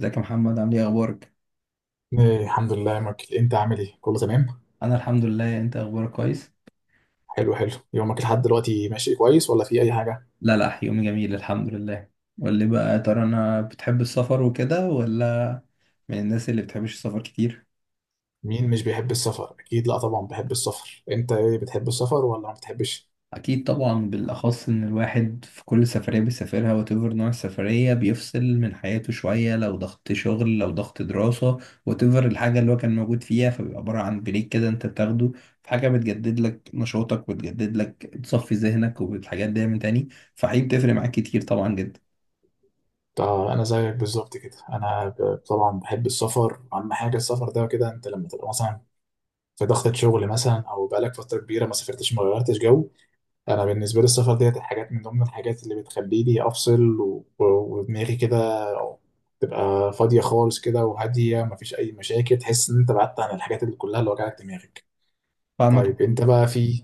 ازيك يا محمد؟ عامل ايه؟ اخبارك؟ إيه، الحمد لله يا مايكل، انت عامل ايه؟ كله تمام؟ انا الحمد لله. انت اخبارك كويس؟ حلو حلو. يومك لحد دلوقتي ماشي كويس ولا في اي حاجه؟ لا لا، يومي جميل الحمد لله. قول لي بقى، يا ترى انا بتحب السفر وكده ولا من الناس اللي بتحبش السفر كتير؟ مين مش بيحب السفر؟ اكيد لا، طبعا بحب السفر. انت ايه؟ بتحب السفر ولا ما بتحبش؟ اكيد طبعا، بالاخص ان الواحد في كل سفريه بيسافرها وتفر نوع السفريه بيفصل من حياته شويه، لو ضغط شغل لو ضغط دراسه، وتفر الحاجه اللي هو كان موجود فيها، فبيبقى عباره عن بريك كده انت بتاخده. في حاجه بتجدد لك نشاطك وتجدد لك، تصفي ذهنك والحاجات دي من تاني. فحقيقي بتفرق معاك كتير طبعا جدا. طب انا زيك بالظبط كده. انا طبعا بحب السفر. اهم حاجه السفر ده كده، انت لما تبقى مثلا في ضغطة شغل مثلا، او بقالك فتره كبيره ما سافرتش ما غيرتش جو. انا بالنسبه لي السفر ديت الحاجات من ضمن الحاجات اللي بتخليني افصل، ودماغي كده تبقى فاضيه خالص كده وهاديه، مفيش اي مشاكل. تحس ان انت بعدت عن الحاجات اللي كلها اللي وجعت دماغك. فاهمك. طيب انت بقى، في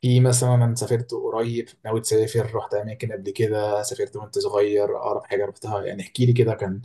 في مثلا سافرت قريب، ناوي تسافر، رحت اماكن قبل كده، سافرت وانت صغير؟ اقرب حاجه رحتها، يعني احكي لي كده. كان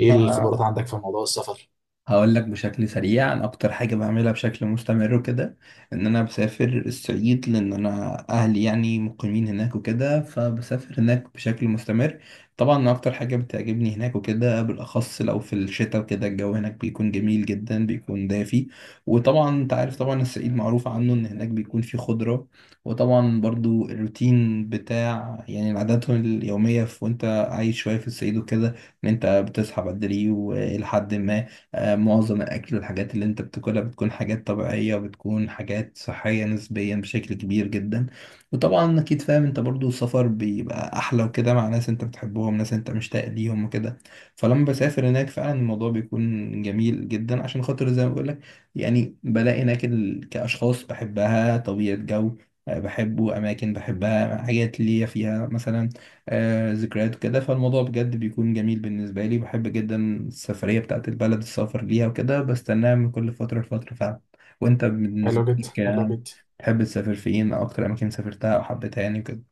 ايه الخبرات آه، عندك في موضوع السفر؟ هقول لك بشكل سريع، انا اكتر حاجه بعملها بشكل مستمر وكده، ان انا بسافر الصعيد، لان انا اهلي يعني مقيمين هناك وكده، فبسافر هناك بشكل مستمر. طبعا اكتر حاجه بتعجبني هناك وكده، بالاخص لو في الشتاء وكده، الجو هناك بيكون جميل جدا، بيكون دافي. وطبعا انت عارف، طبعا الصعيد معروف عنه ان هناك بيكون فيه خضره. وطبعا برضو الروتين بتاع يعني العادات اليوميه في وانت عايش شويه في الصعيد وكده، ان انت بتصحى بدري ولحد ما. معظم الأكل والحاجات اللي أنت بتاكلها بتكون حاجات طبيعية، وبتكون حاجات صحية نسبيا بشكل كبير جدا. وطبعا أكيد فاهم أنت برضو السفر بيبقى أحلى وكده مع ناس أنت بتحبهم، ناس أنت مشتاق ليهم وكده. فلما بسافر هناك فعلا الموضوع بيكون جميل جدا، عشان خاطر زي ما بقول لك، يعني بلاقي هناك كأشخاص بحبها، طبيعة جو، بحبه، أماكن بحبها، حاجات ليا فيها، مثلا ذكريات كده. فالموضوع بجد بيكون جميل بالنسبة لي، بحب جدا السفرية بتاعت البلد، السفر ليها وكده، بستناها من كل فترة لفترة فعلا. وانت بالنسبة حلو جدا، لك؟ حلو جدا. تحب تسافر فين، او اكتر اماكن سافرتها او حبيتها يعني وكده؟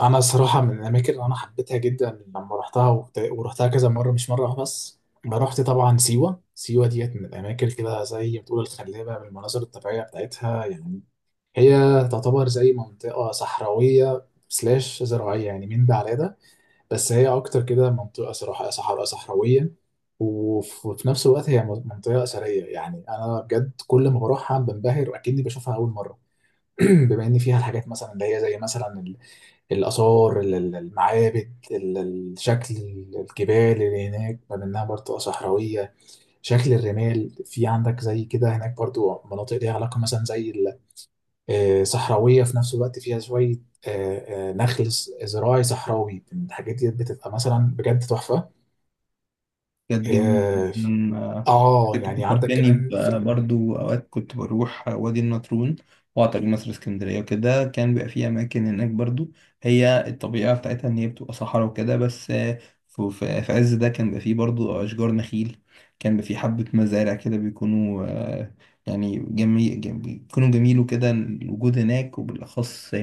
انا صراحه من الاماكن اللي انا حبيتها جدا لما رحتها ورحتها كذا مره، مش مره واحدة بس. انا رحت طبعا سيوه. سيوه ديت من الاماكن كده زي ما بتقول الخلابه بالمناظر الطبيعيه بتاعتها. يعني هي تعتبر زي منطقه صحراويه سلاش زراعيه، يعني من ده على ده. بس هي اكتر كده منطقه، صراحه صحراء صحراويه. وفي نفس الوقت هي منطقه اثريه. يعني انا بجد كل ما بروحها بنبهر واكني بشوفها اول مره. بما ان فيها الحاجات مثلا اللي هي زي مثلا الآثار، المعابد، الشكل، الجبال اللي هناك بما إنها برضو صحراوية. شكل الرمال في عندك زي كده، هناك برضو مناطق ليها علاقة مثلا زي صحراوية في نفس الوقت، فيها شوية نخل زراعي صحراوي. الحاجات دي بتبقى مثلا بجد تحفة. كانت جميلة اه. جدا. كنت يعني عندك فكرتني كمان في، برضو، أوقات كنت بروح وادي النطرون وأعطى مصر اسكندرية وكده. كان بيبقى فيه أماكن هناك برضو، هي الطبيعة بتاعتها إن هي بتبقى صحراء وكده، بس في عز ده كان بيبقى فيه برضو أشجار نخيل، كان بيبقى فيه حبة مزارع كده، بيكونوا يعني جميل، بيكونوا جميل وكده الوجود هناك. وبالأخص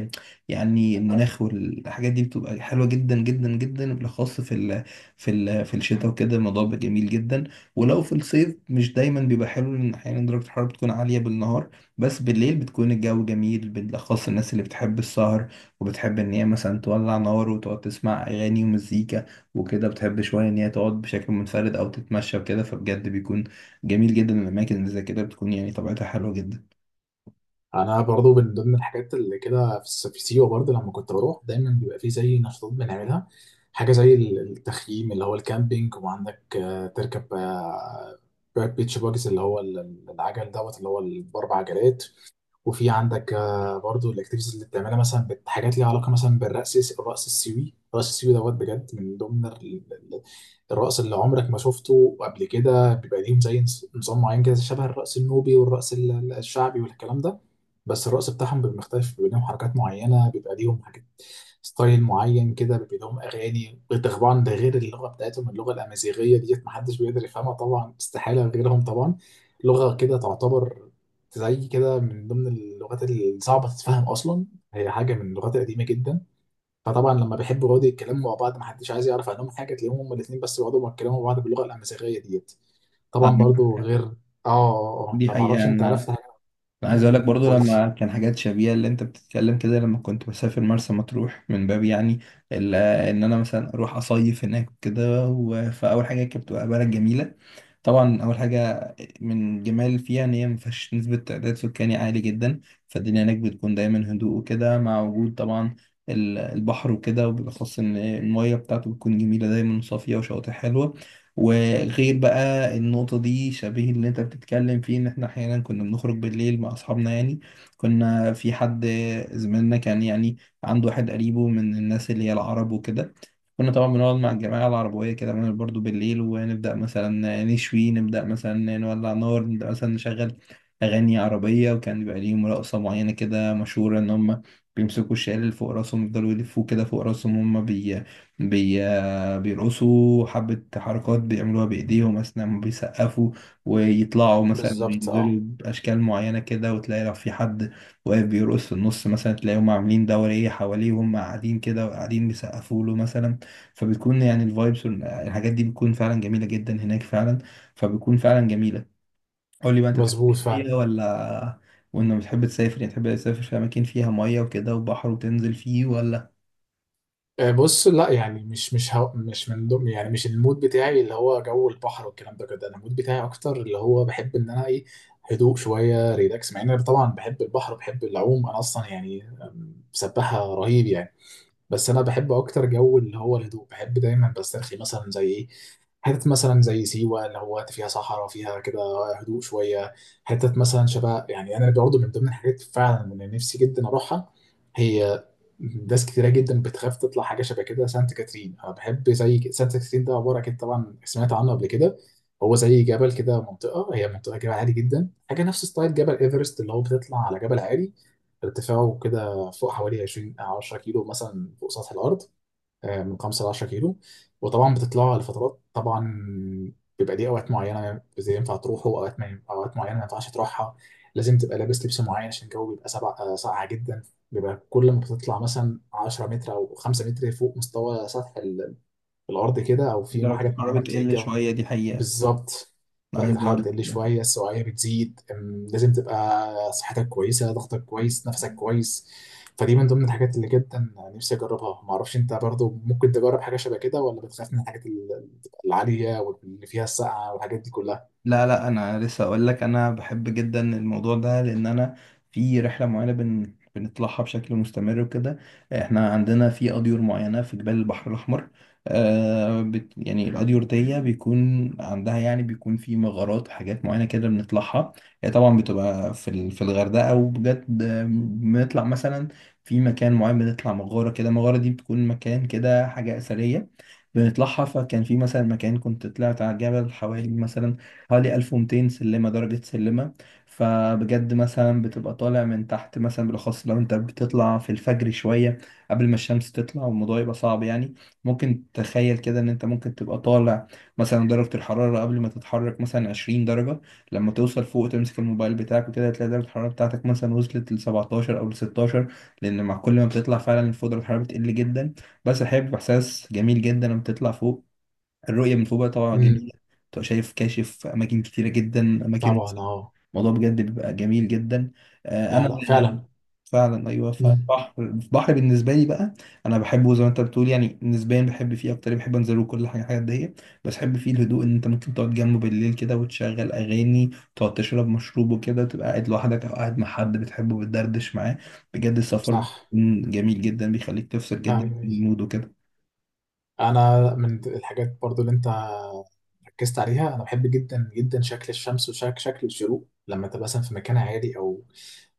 يعني المناخ والحاجات دي بتبقى حلوة جدا جدا جدا، بالأخص في الشتاء وكده الموضوع بيبقى جميل جدا. ولو في الصيف مش دايما بيبقى حلو، لان احيانا درجة الحرارة بتكون عالية بالنهار، بس بالليل بتكون الجو جميل، بالاخص الناس اللي بتحب السهر وبتحب ان هي مثلا تولع نار وتقعد تسمع اغاني ومزيكا وكده، بتحب شوية ان هي تقعد بشكل منفرد او تتمشى وكده. فبجد بيكون جميل جدا الاماكن اللي زي كده، بتكون يعني طبيعتها حلوة جدا. انا برضو من ضمن الحاجات اللي كده في في سيوه، برضو لما كنت بروح دايما بيبقى في زي نشاطات بنعملها. حاجه زي التخييم اللي هو الكامبينج، وعندك تركب بيتش باجز اللي هو العجل دوت اللي هو الاربع عجلات. وفي عندك برضو الاكتيفيتيز اللي بتعملها مثلا، حاجات ليها علاقه مثلا بالرقص. الرقص السيوي، الرقص السيوي دوت بجد من ضمن الرقص اللي عمرك ما شفته قبل كده. بيبقى ليهم زي نظام معين كده، شبه الرقص النوبي والرقص الشعبي والكلام ده، بس الرقص بتاعهم بيبقى مختلف. بيبقى ليهم حركات معينه، بيبقى ليهم حاجات، ستايل معين كده، بيبقى لهم اغاني. طبعا ده غير اللغه بتاعتهم، اللغه الامازيغيه ديت محدش بيقدر يفهمها طبعا، استحاله غيرهم طبعا. لغه كده تعتبر زي كده من ضمن اللغات الصعبة تتفهم أصلا. هي حاجة من اللغات القديمة جدا. فطبعا لما بيحبوا يقعدوا يتكلموا مع بعض، محدش عايز يعرف عنهم حاجة، تلاقيهم هما الاتنين بس بيقعدوا يتكلموا مع بعض باللغة الأمازيغية ديت. آه، طبعا برضو غير اه دي حقيقة. فمعرفش، انت أنا عرفت حاجة؟ انا عايز اقول مم، لك برضو، قولي. لما كان حاجات شبيهه اللي انت بتتكلم كده، لما كنت بسافر مرسى مطروح، من باب يعني ان انا مثلا اروح اصيف هناك كده. فاول حاجه كانت بتبقى بلد جميله، طبعا اول حاجه من جمال فيها ان هي ما فيهاش نسبه تعداد سكاني عالي جدا، فالدنيا هناك بتكون دايما هدوء وكده، مع وجود طبعا البحر وكده، وبالاخص ان الميه بتاعته بتكون جميله دايما وصافيه وشواطئ حلوه. وغير بقى النقطه دي، شبيه اللي انت بتتكلم فيه ان احنا احيانا كنا بنخرج بالليل مع اصحابنا، يعني كنا في حد زميلنا كان يعني عنده واحد قريبه من الناس اللي هي العرب وكده. كنا طبعا بنقعد مع الجماعة العربوية كده، بنعمل برضو بالليل، ونبدأ مثلا نشوي، نبدأ مثلا نولع نار، نبدأ مثلا نشغل أغاني عربية. وكان بيبقى ليهم رقصة معينة كده مشهورة، إن هم بيمسكوا الشال اللي فوق راسهم، يفضلوا يلفوه كده فوق راسهم. هم بي... بيرقصوا حبة حركات بيعملوها بإيديهم أثناء ما بيسقفوا، ويطلعوا مثلا بالظبط ينزلوا اه. بأشكال معينة كده. وتلاقي لو في حد واقف بيرقص في النص، مثلا تلاقيهم عاملين دورية حواليه، وهم قاعدين كده وقاعدين بيسقفوا له مثلا. فبتكون يعني الفايبس والحاجات دي بتكون فعلا جميلة جدا هناك فعلا، فبتكون فعلا جميلة. قول لي بقى، انت تحب مظبوط المية فعلا. ولا؟ وانك بتحب تسافر، يعني تحب تسافر في اماكن فيها مية وكده وبحر وتنزل فيه ولا؟ بص، لا يعني، مش هو مش من ضمن، يعني مش المود بتاعي اللي هو جو البحر والكلام ده كده. انا المود بتاعي اكتر اللي هو بحب ان انا ايه، هدوء شويه، ريلاكس. مع ان انا طبعا بحب البحر، بحب العوم، انا اصلا يعني سباحه رهيب يعني. بس انا بحب اكتر جو اللي هو الهدوء. بحب دايما بسترخي مثلا زي ايه، حتت مثلا زي سيوة اللي هو فيها صحراء، فيها كده هدوء شوية. حتت مثلا شبه يعني، أنا برضه من ضمن الحاجات فعلا اللي نفسي جدا أروحها، هي ناس كتيرة جدا بتخاف تطلع حاجة شبه كده، سانت كاترين. أنا بحب زي سانت كاترين ده عبارة، أكيد طبعا سمعت عنه قبل كده، هو زي جبل كده، منطقة، هي منطقة جبل عالي جدا، حاجة نفس ستايل جبل إيفرست اللي هو بتطلع على جبل عالي ارتفاعه كده فوق حوالي 20 أو 10 كيلو مثلا فوق سطح الارض. من 5 ل 10 كيلو. وطبعا بتطلعوا لفترات طبعا، بيبقى ليه اوقات معينه زي ينفع تروحوا اوقات، ما اوقات معينه ما ينفعش تروحها. لازم تبقى لابس لبس معين عشان الجو بيبقى سبع ساقعه جدا. بيبقى كل ما بتطلع مثلا 10 متر او 5 متر فوق مستوى سطح الارض كده، او في درجة حاجات معينه الحرارة بتلاقي بتقل الجو، شوية، دي حقيقة. بالظبط، انا درجة عايز الحرارة اقول بتقل لك، شوية، السوائل بتزيد. لازم تبقى صحتك كويسة، ضغطك كويس، نفسك كويس. فدي من ضمن الحاجات اللي جدا نفسي أجربها. معرفش أنت برضو ممكن تجرب حاجة شبه كده ولا بتخاف من الحاجات العالية واللي فيها السقعة والحاجات دي كلها؟ لا لا، انا لسه اقول لك، انا بحب جدا الموضوع ده، لان انا في رحله معينه بنطلعها بشكل مستمر وكده. احنا عندنا في اديور معينه في جبال البحر الاحمر، آه يعني الاديور دي بيكون عندها يعني بيكون في مغارات وحاجات معينه كده بنطلعها. هي طبعا بتبقى في في الغردقه. وبجد بنطلع مثلا في مكان معين، بنطلع مغاره كده. المغاره دي بتكون مكان كده حاجه اثريه بنطلعها. فكان في مثلا مكان كنت طلعت على الجبل حوالي مثلا حوالي 1200 سلمة درجة سلمة. فبجد مثلا بتبقى طالع من تحت، مثلا بالأخص لو أنت بتطلع في الفجر شوية قبل ما الشمس تطلع، والموضوع يبقى صعب يعني. ممكن تخيل كده إن أنت ممكن تبقى طالع، مثلا درجة الحرارة قبل ما تتحرك مثلا 20 درجة، لما توصل فوق تمسك الموبايل بتاعك وكده، هتلاقي درجة الحرارة بتاعتك مثلا وصلت ل 17 أو ل 16. لأن مع كل ما بتطلع فعلا فوق درجة الحرارة بتقل جدا. بس الحقيقة بيبقى إحساس جميل جدا لما بتطلع فوق. الرؤية من فوق بقى طبعا امم. جميلة، تبقى شايف كاشف أماكن كتيرة جدا، أماكن طبعا واسعة. اه. الموضوع بجد بيبقى جميل جدا. لا أنا لا فعلا. فعلا، أيوه فعلا، امم. بحر، البحر بالنسبة لي بقى أنا بحبه زي ما أنت بتقول، يعني نسبيا بحب فيه أكتر، بحب أنزله كل حاجة، حاجات دي. بس بحب فيه الهدوء، إن أنت ممكن تقعد جنبه بالليل كده وتشغل أغاني، تقعد تشرب مشروب وكده، تبقى قاعد لوحدك أو قاعد مع حد بتحبه بتدردش معاه. بجد السفر صح. بيكون جميل جدا، بيخليك تفصل ايوه، جدا أيوة. من المود وكده. انا من الحاجات برضو اللي انت ركزت عليها، انا بحب جدا جدا شكل الشمس وشكل الشروق، لما تبقى مثلا في مكان عالي، او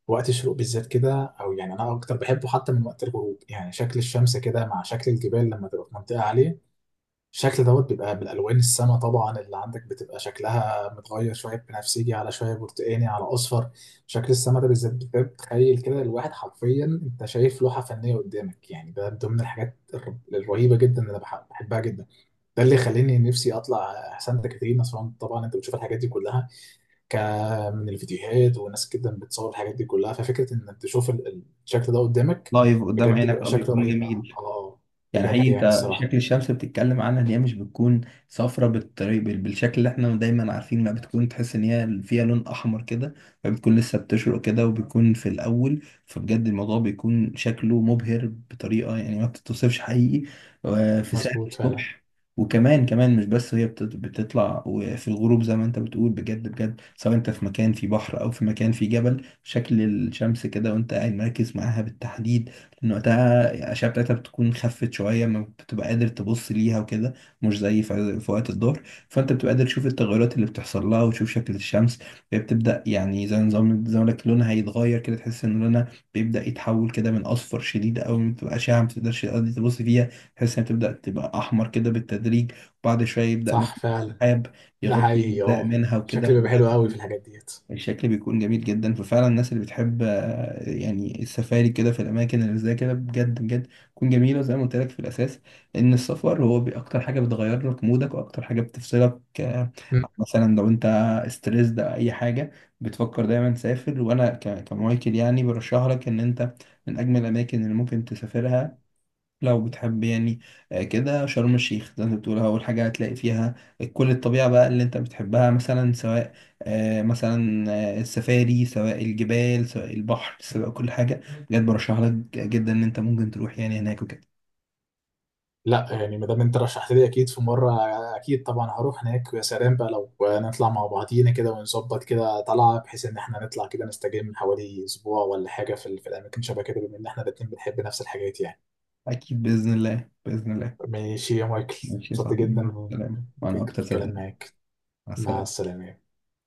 وقت الشروق بالذات كده. او يعني انا اكتر بحبه حتى من وقت الغروب. يعني شكل الشمس كده مع شكل الجبال لما تبقى في منطقه عاليه، الشكل دوت بيبقى بالالوان، السما طبعا اللي عندك بتبقى شكلها متغير، شويه بنفسجي على شويه برتقاني على اصفر. شكل السما ده بالذات بتخيل كده الواحد حرفيا انت شايف لوحه فنيه قدامك. يعني ده من ضمن الحاجات الرهيبه جدا اللي انا بحبها جدا. ده اللي خلاني نفسي اطلع سانتا كاترينا اصلا. طبعا انت بتشوف الحاجات دي كلها ك من الفيديوهات، وناس جدا بتصور الحاجات دي كلها، ففكره انك تشوف الشكل ده قدامك لايف قدام بجد عينك، بيبقى اه، شكله بيكون رهيب. اه جميل. يعني حقيقي بجد يعني انت الصراحه شكل الشمس بتتكلم عنها ان هي مش بتكون صفرة بالطريق بالشكل اللي احنا دايما عارفين، ما بتكون، تحس ان هي فيها لون احمر كده. فبتكون لسه بتشرق كده، وبتكون في الاول، فبجد الموضوع بيكون شكله مبهر بطريقة يعني ما بتتوصفش حقيقي. في ساعة مظبوط فعلا. الصبح. وكمان كمان، مش بس هي بتطلع، وفي الغروب زي ما انت بتقول، بجد بجد، سواء انت في مكان في بحر او في مكان في جبل، شكل الشمس كده وانت قاعد مركز معاها بالتحديد، لأن وقتها الأشعة بتاعتها بتكون خفت شوية، ما بتبقى قادر تبص ليها وكده، مش زي في وقت الظهر. فأنت بتبقى قادر تشوف التغيرات اللي بتحصل لها وتشوف شكل الشمس. هي بتبدأ، يعني زي نظام زي ما لك، لونها هيتغير كده. تحس إن لونها بيبدأ يتحول كده من أصفر شديد أوي، ما بتبقى أشعة ما بتقدرش تقضي تبص فيها، تحس إنها بتبدأ تبقى أحمر كده بالتدريج. وبعد شوية يبدأ مثلا صح فعلا. السحاب ده يغطي حقيقي أجزاء اه. منها وكده. شكلي بيبقى حلو قوي في فبجد الحاجات ديت. الشكل بيكون جميل جدا. ففعلا الناس اللي بتحب يعني السفاري كده في الاماكن اللي زي كده، بجد بجد تكون جميله. زي ما قلت لك في الاساس، ان السفر هو اكتر حاجه بتغير لك مودك، واكتر حاجه بتفصلك مثلا لو انت ستريس ده اي حاجه، بتفكر دايما تسافر. وانا كمايكل يعني برشح لك ان انت، من اجمل الاماكن اللي ممكن تسافرها لو بتحب يعني كده شرم الشيخ، زي ما انت بتقول اول حاجه هتلاقي فيها كل الطبيعه بقى اللي انت بتحبها، مثلا سواء مثلا السفاري، سواء الجبال، سواء البحر، سواء كل حاجه. بجد برشح لك جدا ان انت ممكن تروح يعني هناك وكده. لا يعني ما دام انت رشحت لي، اكيد في مره، اكيد طبعا هروح هناك. ويا سلام بقى لو نطلع مع بعضينا كده، ونظبط كده طلعه بحيث ان احنا نطلع كده نستجم حوالي اسبوع ولا حاجه في الاماكن شبه كده، بما ان احنا الاتنين بنحب نفس الحاجات يعني. اكيد باذن الله، باذن الله. ماشي يا مايكل. ماشي يا مبسوط صاحبي، مع جدا السلامه، وانا اكتر بالكلام صدقني. معاك. مع مع السلامه. السلامه.